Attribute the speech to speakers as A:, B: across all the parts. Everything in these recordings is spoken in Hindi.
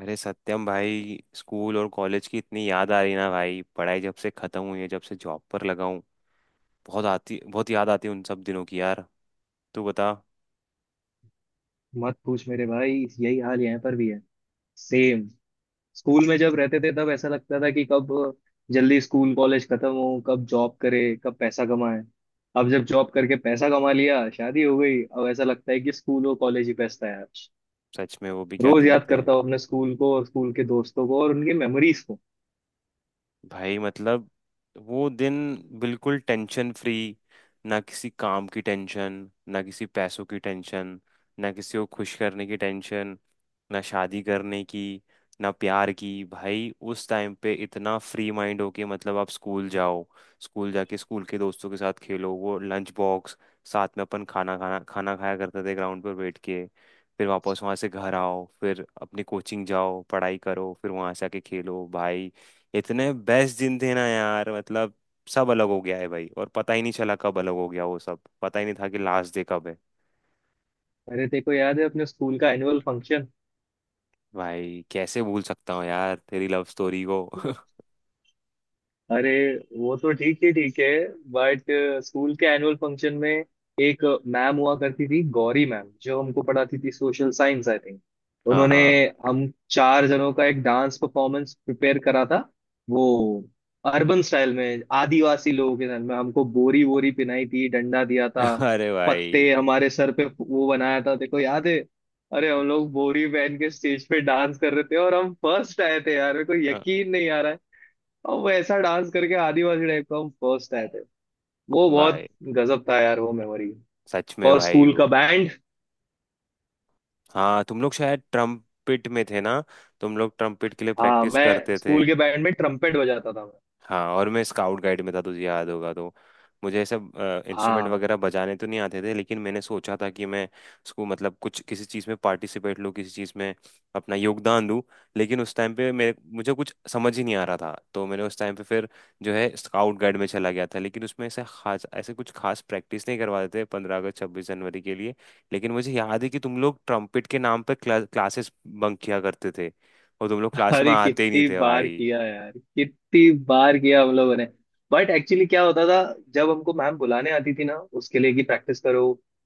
A: अरे सत्यम भाई, स्कूल और कॉलेज की इतनी याद आ रही ना भाई, पढ़ाई जब से खत्म हुई है, जब से जॉब पर लगा हूँ। बहुत आती, बहुत याद आती है उन सब दिनों की यार। तू बता।
B: मत पूछ मेरे भाई। यही हाल यहाँ पर भी है। सेम। स्कूल में जब रहते थे तब ऐसा लगता था कि कब जल्दी स्कूल कॉलेज खत्म हो, कब जॉब करे, कब पैसा कमाए। अब जब जॉब करके पैसा कमा लिया, शादी हो गई, अब ऐसा लगता है कि स्कूल और कॉलेज ही बेस्ट था यार।
A: सच में वो भी क्या
B: रोज
A: दिन
B: याद
A: थे
B: करता हूँ अपने स्कूल को और स्कूल के दोस्तों को और उनकी मेमोरीज को।
A: भाई। मतलब वो दिन बिल्कुल टेंशन फ्री। ना किसी काम की टेंशन, ना किसी पैसों की टेंशन, ना किसी को खुश करने की टेंशन, ना शादी करने की, ना प्यार की। भाई उस टाइम पे इतना फ्री माइंड होके, मतलब आप स्कूल जाओ, स्कूल जाके स्कूल के दोस्तों के साथ खेलो, वो लंच बॉक्स साथ में अपन खाना खाना खाना खाया करते थे ग्राउंड पर बैठ के। फिर वापस वहाँ से घर आओ, फिर अपनी कोचिंग जाओ, पढ़ाई करो, फिर वहाँ से आके खेलो भाई। इतने बेस्ट दिन थे ना यार, मतलब सब अलग हो गया है भाई, और पता ही नहीं चला कब अलग हो गया। वो सब पता ही नहीं था कि लास्ट डे कब है।
B: अरे तेरे को याद है अपने स्कूल का एनुअल फंक्शन?
A: भाई कैसे भूल सकता हूँ यार तेरी लव स्टोरी को।
B: अरे वो तो ठीक ही ठीक है बट स्कूल के एनुअल फंक्शन में एक मैम हुआ करती थी, गौरी मैम, जो हमको पढ़ाती थी सोशल साइंस आई थिंक।
A: हाँ
B: उन्होंने
A: हाँ।
B: हम चार जनों का एक डांस परफॉर्मेंस प्रिपेयर करा था। वो अर्बन स्टाइल में, आदिवासी लोगों के स्टाइल में, हमको बोरी वोरी पिनाई थी, डंडा दिया था,
A: अरे भाई।
B: पत्ते हमारे सर पे वो बनाया था, देखो याद है? अरे हम लोग बोरी पहन के स्टेज पे डांस कर रहे थे और हम फर्स्ट आए थे यार, मेरे को
A: हाँ,
B: यकीन नहीं आ रहा है। और वो ऐसा डांस करके आदिवासी टाइप का, हम फर्स्ट आए थे। वो बहुत
A: भाई
B: गजब था यार वो मेमोरी।
A: सच में
B: और
A: भाई
B: स्कूल का
A: वो।
B: बैंड।
A: हाँ तुम लोग शायद ट्रम्पिट में थे ना, तुम लोग ट्रम्पिट के लिए
B: हाँ,
A: प्रैक्टिस
B: मैं
A: करते थे।
B: स्कूल के बैंड में ट्रम्पेट बजाता था मैं।
A: हाँ और मैं स्काउट गाइड में था, तुझे याद होगा तो। मुझे ऐसे इंस्ट्रूमेंट
B: हाँ।
A: वगैरह बजाने तो नहीं आते थे, लेकिन मैंने सोचा था कि मैं उसको, मतलब कुछ, किसी चीज़ में पार्टिसिपेट लूँ, किसी चीज़ में अपना योगदान दूँ। लेकिन उस टाइम पे मेरे मुझे कुछ समझ ही नहीं आ रहा था, तो मैंने उस टाइम पे फिर जो है स्काउट गाइड में चला गया था। लेकिन उसमें ऐसे खास, ऐसे कुछ खास प्रैक्टिस नहीं करवाते थे 15 अगस्त 26 जनवरी के लिए। लेकिन मुझे याद है कि तुम लोग ट्रम्पेट के नाम पर क्लासेस बंक किया करते थे और तुम लोग क्लास में
B: अरे
A: आते ही नहीं
B: कितनी
A: थे
B: बार
A: भाई।
B: किया यार, कितनी बार किया हम लोगों ने। बट एक्चुअली क्या होता था, जब हमको मैम बुलाने आती थी ना, उसके लिए कि प्रैक्टिस करो,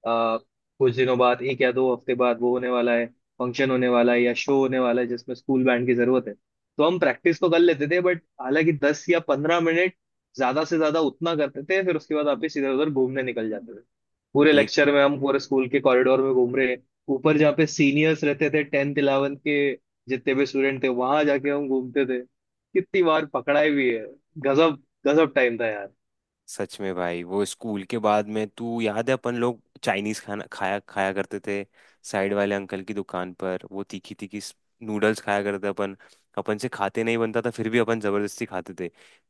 B: आ, कुछ दिनों बाद 1 या 2 हफ्ते बाद वो होने वाला है, फंक्शन होने वाला है या शो होने वाला है जिसमें स्कूल बैंड की जरूरत है। तो हम प्रैक्टिस तो कर लेते थे बट हालांकि 10 या 15 मिनट ज्यादा से ज्यादा उतना करते थे, फिर उसके बाद वापस इधर उधर घूमने निकल जाते थे। पूरे
A: देख।
B: लेक्चर में हम पूरे स्कूल के कॉरिडोर में घूम रहे हैं। ऊपर जहाँ पे सीनियर्स रहते थे, टेंथ इलेवेंथ के, जितने भी स्टूडेंट थे, वहां जाके हम घूमते थे। कितनी बार पकड़ाई भी है। गजब गजब टाइम था यार।
A: सच में भाई, वो स्कूल के बाद में तू याद है अपन लोग चाइनीज खाना खाया खाया करते थे साइड वाले अंकल की दुकान पर, वो तीखी तीखी नूडल्स खाया करते अपन। अपन से खाते नहीं बनता था, फिर भी अपन जबरदस्ती खाते थे।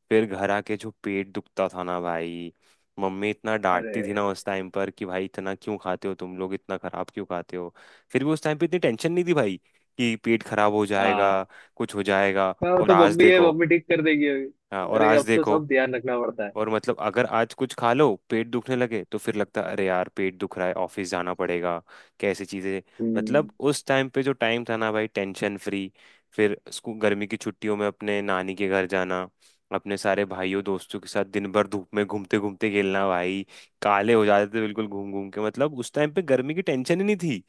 A: फिर घर आके जो पेट दुखता था ना भाई, मम्मी इतना
B: अरे।
A: डांटती थी ना उस टाइम पर कि भाई इतना क्यों खाते हो तुम लोग, इतना खराब क्यों खाते हो। फिर भी उस टाइम पे इतनी टेंशन नहीं थी भाई कि पेट खराब हो जाएगा,
B: हाँ।
A: कुछ हो जाएगा।
B: हाँ,
A: और
B: तो
A: आज
B: मम्मी है,
A: देखो।
B: मम्मी ठीक कर देगी अभी।
A: हाँ, और
B: अरे
A: आज
B: अब तो
A: देखो।
B: सब ध्यान रखना पड़ता है।
A: और मतलब अगर आज कुछ खा लो, पेट दुखने लगे तो फिर लगता अरे यार पेट दुख रहा है, ऑफिस जाना पड़ेगा। कैसी चीजें।
B: हम्म।
A: मतलब उस टाइम पे जो टाइम था ना भाई, टेंशन फ्री। फिर स्कूल गर्मी की छुट्टियों में अपने नानी के घर जाना, अपने सारे भाइयों दोस्तों के साथ दिन भर धूप में घूमते घूमते खेलना भाई। काले हो जाते थे बिल्कुल घूम घूम के। मतलब उस टाइम पे गर्मी की टेंशन ही नहीं थी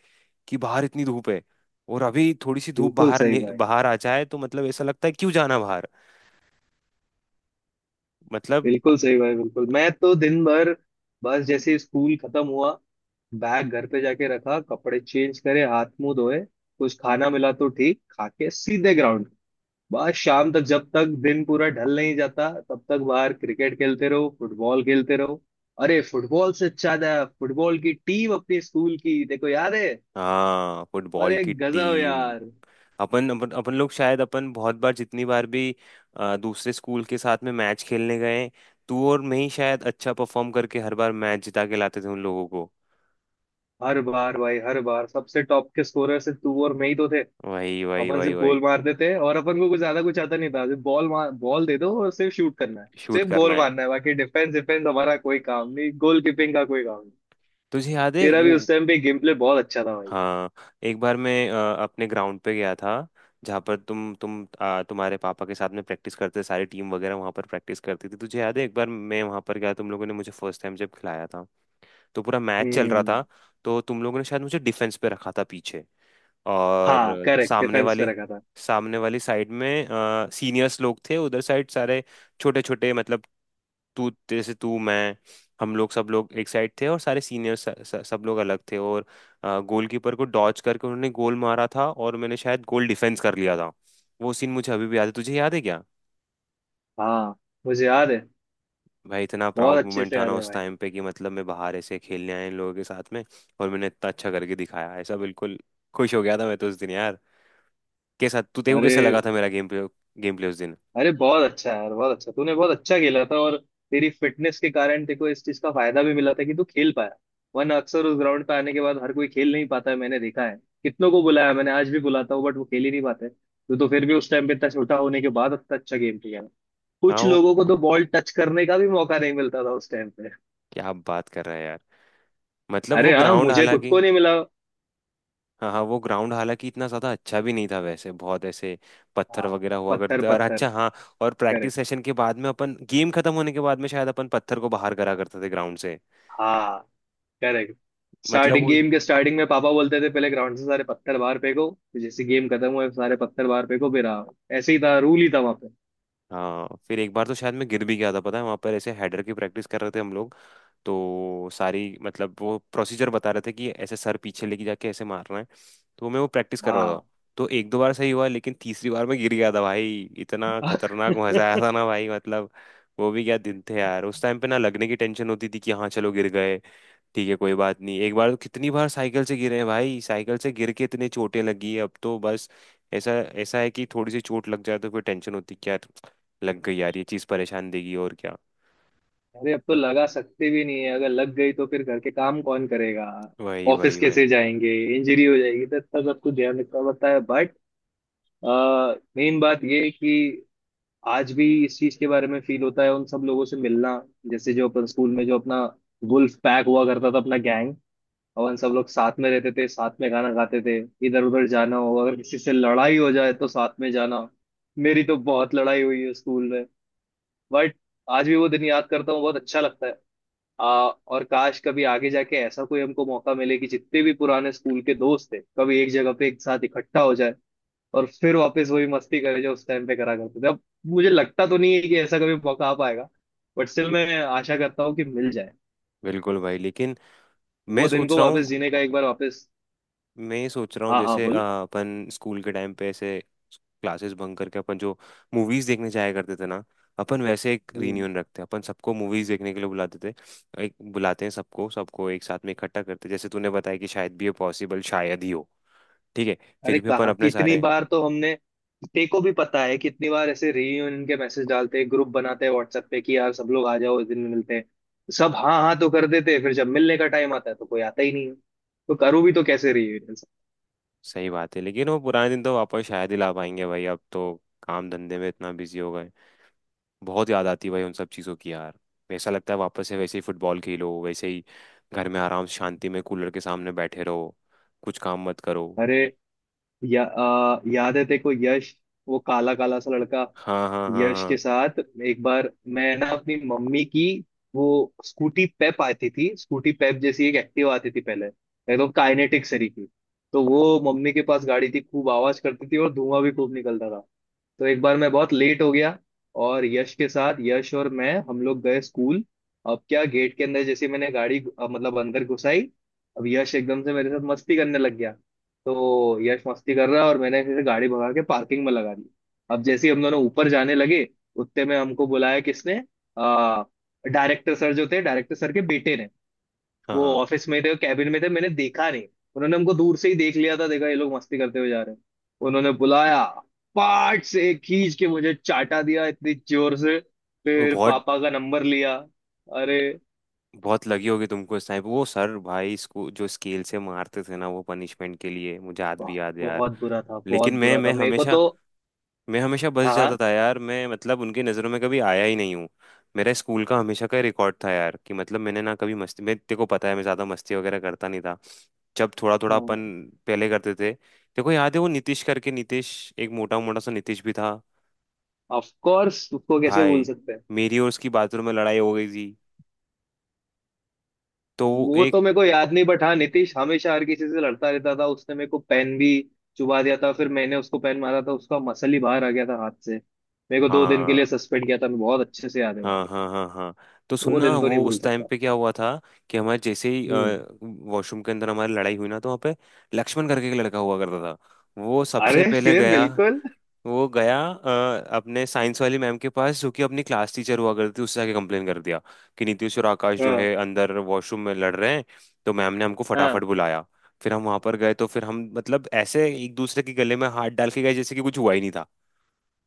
A: कि बाहर इतनी धूप है। और अभी थोड़ी सी धूप
B: बिल्कुल
A: बाहर
B: सही भाई।
A: बाहर आ जाए तो मतलब ऐसा लगता है क्यों जाना बाहर। मतलब।
B: बिल्कुल सही भाई, बिल्कुल। मैं तो दिन भर, बस जैसे ही स्कूल खत्म हुआ, बैग घर पे जाके रखा, कपड़े चेंज करे, हाथ मुंह धोए, कुछ खाना मिला तो ठीक, खा के सीधे ग्राउंड, बस शाम तक जब तक दिन पूरा ढल नहीं जाता तब तक बाहर क्रिकेट खेलते रहो, फुटबॉल खेलते रहो। अरे फुटबॉल से ज्यादा फुटबॉल की टीम अपनी स्कूल की, देखो याद है?
A: हाँ फुटबॉल
B: अरे
A: की
B: गजब
A: टीम।
B: यार।
A: अपन अपन अपन लोग शायद, अपन बहुत बार, जितनी बार भी दूसरे स्कूल के साथ में मैच खेलने गए, तू और मैं ही शायद अच्छा परफॉर्म करके हर बार मैच जिता के लाते थे उन लोगों को।
B: हर बार भाई, हर बार, सबसे टॉप के स्कोरर से तू और मैं ही तो थे।
A: वही वही
B: अपन
A: वही
B: सिर्फ
A: वही।
B: गोल मार देते हैं और अपन को कुछ ज्यादा कुछ आता नहीं था, सिर्फ बॉल मार, बॉल दे दो और सिर्फ शूट करना है,
A: शूट
B: सिर्फ
A: करना
B: गोल
A: है।
B: मारना है, बाकी डिफेंस डिफेंस हमारा कोई काम नहीं, गोल कीपिंग का कोई काम नहीं।
A: तुझे याद है
B: तेरा भी
A: वो।
B: उस टाइम पे गेम प्ले बहुत अच्छा था भाई।
A: हाँ एक बार मैं अपने ग्राउंड पे गया था, जहाँ पर तुम तुम्हारे पापा के साथ में प्रैक्टिस करते थे, सारी टीम वगैरह वहाँ पर प्रैक्टिस करती थी। तुझे याद है एक बार मैं वहाँ पर गया, तुम लोगों ने मुझे फर्स्ट टाइम जब खिलाया था, तो पूरा मैच चल रहा
B: हम्म।
A: था। तो तुम लोगों ने शायद मुझे डिफेंस पे रखा था पीछे,
B: हाँ,
A: और
B: करेक्ट
A: सामने
B: डिफेंस पे
A: वाली,
B: रखा था।
A: सामने वाली साइड में सीनियर्स लोग थे उधर साइड सारे। छोटे छोटे, मतलब तू, जैसे तू, मैं, हम लोग, सब लोग एक साइड थे, और सारे सीनियर्स सब लोग अलग थे, और गोलकीपर को डॉच करके उन्होंने गोल मारा था, और मैंने शायद गोल डिफेंस कर लिया था। वो सीन मुझे अभी भी याद है, तुझे याद है क्या।
B: हाँ, मुझे याद है।
A: भाई इतना
B: बहुत
A: प्राउड
B: अच्छे
A: मोमेंट
B: से
A: था
B: याद
A: ना
B: है
A: उस
B: भाई।
A: टाइम पे कि मतलब मैं बाहर ऐसे खेलने आया इन लोगों के साथ में, और मैंने इतना अच्छा करके दिखाया ऐसा। बिल्कुल खुश हो गया था मैं तो उस दिन यार। के साथ तू देखो कैसा
B: अरे।
A: लगा था मेरा गेम प्ले, गेम प्ले उस दिन।
B: अरे बहुत अच्छा यार, बहुत अच्छा, तूने बहुत अच्छा खेला था और तेरी फिटनेस के कारण तेको इस चीज का फायदा भी मिला था कि तू खेल पाया, वरना अक्सर उस ग्राउंड पे आने के बाद हर कोई खेल नहीं पाता है, मैंने देखा है। कितनों को बुलाया मैंने, आज भी बुलाता हूँ बट वो खेल ही नहीं पाते। तू तो फिर भी उस टाइम पे इतना छोटा होने के बाद इतना अच्छा गेम खेला।
A: हाँ
B: कुछ
A: वो।
B: लोगों को तो बॉल टच करने का भी मौका नहीं मिलता था उस टाइम पे।
A: क्या बात कर रहा है यार। मतलब वो
B: अरे हाँ
A: ग्राउंड
B: मुझे खुद
A: हालांकि।
B: को नहीं मिला।
A: हाँ हाँ वो ग्राउंड हालांकि इतना ज़्यादा अच्छा भी नहीं था वैसे, बहुत ऐसे पत्थर
B: हाँ।
A: वगैरह हुआ
B: पत्थर
A: करते। और
B: पत्थर।
A: अच्छा हाँ, और प्रैक्टिस
B: करेक्ट।
A: सेशन के बाद में अपन, गेम खत्म होने के बाद में शायद अपन पत्थर को बाहर करा करते थे ग्राउंड से।
B: हाँ। करेक्ट।
A: मतलब
B: स्टार्टिंग
A: वो।
B: गेम के स्टार्टिंग में पापा बोलते थे, पहले ग्राउंड से सारे पत्थर बाहर फेंको, फिर जैसे गेम खत्म हुए सारे पत्थर बाहर फेंको फिर आओ। ऐसे ही था, रूल ही था वहां पे।
A: हाँ फिर एक बार तो शायद मैं गिर भी गया था, पता है वहाँ पर ऐसे हेडर की प्रैक्टिस कर रहे थे हम लोग। तो सारी, मतलब वो प्रोसीजर बता रहे थे कि ऐसे सर पीछे लेके जाके ऐसे मारना है, तो मैं वो प्रैक्टिस कर रहा
B: हाँ।
A: था। तो एक दो बार सही हुआ, लेकिन तीसरी बार मैं गिर गया था भाई। इतना खतरनाक मजा आया था ना भाई, मतलब वो भी क्या दिन थे यार। उस टाइम पे ना लगने की टेंशन होती थी, कि हाँ चलो गिर गए ठीक है कोई बात नहीं। एक बार तो, कितनी बार साइकिल से गिरे हैं भाई, साइकिल से गिर के इतने चोटें लगी है। अब तो बस ऐसा ऐसा है कि थोड़ी सी चोट लग जाए तो कोई टेंशन होती कि यार लग गई यार, ये चीज़ परेशान देगी, और क्या।
B: अरे अब तो
A: मतलब
B: लगा सकते भी नहीं है, अगर लग गई तो फिर घर के काम कौन करेगा,
A: वही
B: ऑफिस
A: वही वही।
B: कैसे जाएंगे, इंजरी हो जाएगी तो इतना सब कुछ ध्यान रखना पड़ता है बट मेन बात ये है कि आज भी इस चीज के बारे में फील होता है उन सब लोगों से मिलना, जैसे जो अपन स्कूल में जो अपना वुल्फ पैक हुआ करता था अपना गैंग, अपन सब लोग साथ में रहते थे, साथ में खाना खाते थे, इधर उधर जाना हो, अगर किसी से लड़ाई हो जाए तो साथ में जाना। मेरी तो बहुत लड़ाई हुई है स्कूल में बट आज भी वो दिन याद करता हूँ, बहुत अच्छा लगता है। आ, और काश कभी आगे जाके ऐसा कोई हमको मौका मिले कि जितने भी पुराने स्कूल के दोस्त थे कभी एक जगह पे एक साथ इकट्ठा हो जाए और फिर वापस वही मस्ती करे जो उस टाइम पे करा करते थे। अब मुझे लगता तो नहीं है कि ऐसा कभी मौका आ पाएगा बट स्टिल मैं आशा करता हूँ कि मिल जाए।
A: बिल्कुल भाई, लेकिन मैं
B: वो दिन
A: सोच
B: को
A: रहा
B: वापस
A: हूँ,
B: जीने का, एक बार वापस।
A: मैं सोच रहा हूँ
B: हाँ, हाँ।
A: जैसे अपन स्कूल के टाइम पे ऐसे क्लासेस बंक करके अपन जो मूवीज देखने जाया करते थे ना, अपन वैसे एक
B: बोल।
A: रियूनियन रखते हैं। अपन सबको मूवीज देखने के लिए बुलाते थे, एक बुलाते हैं सबको, सबको एक साथ में इकट्ठा करते हैं। जैसे तूने बताया कि शायद भी ये पॉसिबल शायद ही हो, ठीक है,
B: अरे
A: फिर भी अपन
B: कहाँ,
A: अपने
B: कितनी
A: सारे।
B: बार तो हमने, ते को भी पता है कितनी बार ऐसे रीयूनियन के मैसेज डालते हैं, ग्रुप बनाते हैं व्हाट्सएप पे कि यार सब लोग आ जाओ इस दिन मिलते हैं। सब हाँ हाँ तो कर देते हैं, फिर जब मिलने का टाइम आता है तो कोई आता ही नहीं है। तो करूँ भी तो कैसे रीयूनियन?
A: सही बात है, लेकिन वो पुराने दिन तो वापस शायद ही ला पाएंगे भाई, अब तो काम धंधे में इतना बिजी हो गए। बहुत याद आती है भाई उन सब चीज़ों की यार। ऐसा लगता है वापस से वैसे ही फुटबॉल खेलो, वैसे ही घर में आराम से शांति में कूलर के सामने बैठे रहो, कुछ काम मत करो।
B: अरे, या याद है? देखो यश, वो काला काला सा लड़का,
A: हाँ हाँ हाँ
B: यश के
A: हाँ।
B: साथ एक बार मैं ना अपनी मम्मी की, वो स्कूटी पेप आती थी, स्कूटी पेप जैसी एक एक्टिव आती थी पहले, एकदम काइनेटिक सरी की, तो वो मम्मी के पास गाड़ी थी, खूब आवाज करती थी और धुआं भी खूब निकलता था। तो एक बार मैं बहुत लेट हो गया और यश के साथ यश और मैं, हम लोग गए स्कूल। अब क्या गेट के अंदर जैसे मैंने गाड़ी मतलब अंदर घुसाई, अब यश एकदम से मेरे साथ मस्ती करने लग गया, तो यश मस्ती कर रहा है और मैंने फिर गाड़ी भगा के पार्किंग में लगा दी। अब जैसे ही हम दोनों ऊपर जाने लगे, उतने में हमको बुलाया किसने, आ डायरेक्टर सर जो थे, डायरेक्टर सर के बेटे ने,
A: हाँ
B: वो
A: हाँ।
B: ऑफिस में थे, कैबिन में थे, मैंने देखा नहीं। उन्होंने हमको दूर से ही देख लिया था, देखा ये लोग मस्ती करते हुए जा रहे हैं, उन्होंने बुलाया, पाट से खींच के मुझे चाटा दिया इतनी जोर से,
A: वो
B: फिर
A: बहुत,
B: पापा का नंबर लिया। अरे।
A: बहुत लगी होगी तुमको इस टाइम। वो सर भाई इसको जो स्केल से मारते थे ना वो पनिशमेंट के लिए, मुझे आज
B: वाह,
A: भी याद है यार।
B: बहुत बुरा था, बहुत
A: लेकिन मैं
B: बुरा
A: मैं
B: था मेरे को
A: हमेशा,
B: तो।
A: मैं हमेशा बस जाता
B: हाँ,
A: था यार मैं, मतलब उनकी नज़रों में कभी आया ही नहीं हूँ। मेरा स्कूल का हमेशा का रिकॉर्ड था यार कि मतलब मैंने ना कभी मस्ती, मैं तेरे को पता है मैं ज़्यादा मस्ती वगैरह करता नहीं था। जब थोड़ा थोड़ा अपन पहले करते थे, देखो याद है वो नीतीश करके, नीतीश एक मोटा मोटा सा नीतीश भी था
B: ऑफ कोर्स उसको कैसे भूल
A: भाई।
B: सकते हैं।
A: मेरी और उसकी बाथरूम में लड़ाई हो गई थी, तो वो
B: वो
A: एक।
B: तो मेरे को याद नहीं बट हाँ, नितिश हमेशा हर किसी से लड़ता रहता था, उसने मेरे को पेन भी चुबा दिया था, फिर मैंने उसको पेन मारा था, उसका मसल ही बाहर आ गया था हाथ से, मेरे को 2 दिन के
A: हाँ
B: लिए सस्पेंड किया था, मैं बहुत अच्छे से याद है भाई।
A: हाँ हाँ हाँ हाँ। तो
B: वो
A: सुनना
B: दिन तो नहीं
A: वो
B: भूल
A: उस टाइम
B: सकता।
A: पे क्या हुआ था, कि हमारे जैसे ही
B: हम्म।
A: वॉशरूम के अंदर हमारी लड़ाई हुई ना, तो वहाँ पे लक्ष्मण करके एक लड़का हुआ करता था, वो सबसे
B: अरे
A: पहले
B: फिर
A: गया।
B: बिल्कुल।
A: वो गया अपने साइंस वाली मैम के पास, जो कि अपनी क्लास टीचर हुआ करती थी, उससे आके कंप्लेन कर दिया कि नीतीश और आकाश जो
B: हाँ,
A: है अंदर वॉशरूम में लड़ रहे हैं। तो मैम ने हमको फटाफट
B: हाँ।
A: बुलाया, फिर हम वहां पर गए, तो फिर हम, मतलब ऐसे एक दूसरे के गले में हाथ डाल के गए जैसे कि कुछ हुआ ही नहीं था।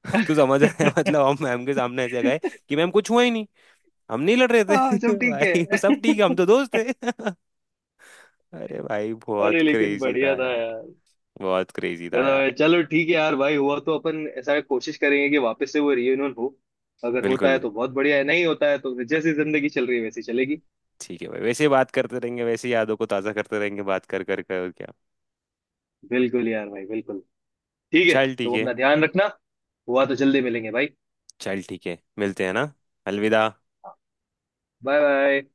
A: तो समझ रहे हैं, मतलब हम मैम के सामने ऐसे गए कि मैम कुछ हुआ ही नहीं, हम नहीं लड़ रहे
B: हाँ, सब
A: थे।
B: ठीक
A: भाई सब ठीक है,
B: है।
A: हम तो दोस्त थे। अरे भाई बहुत
B: अरे लेकिन
A: क्रेजी
B: बढ़िया
A: था
B: था
A: यार,
B: यार।
A: बहुत क्रेजी था
B: मतलब
A: यार।
B: है, चलो ठीक है यार भाई, हुआ तो अपन ऐसा कोशिश करेंगे कि वापस से वो रियूनियन हो। अगर होता
A: बिल्कुल
B: है तो बहुत बढ़िया है, नहीं होता है तो फिर जैसी जिंदगी चल रही है वैसी चलेगी।
A: ठीक है भाई, वैसे ही बात करते रहेंगे, वैसे ही यादों को ताज़ा करते रहेंगे, बात कर कर कर, और क्या।
B: बिल्कुल यार भाई बिल्कुल। ठीक है।
A: चल ठीक
B: तो
A: है।
B: अपना ध्यान रखना, हुआ तो जल्दी मिलेंगे भाई।
A: चल ठीक है, मिलते हैं ना। अलविदा।
B: Bye bye.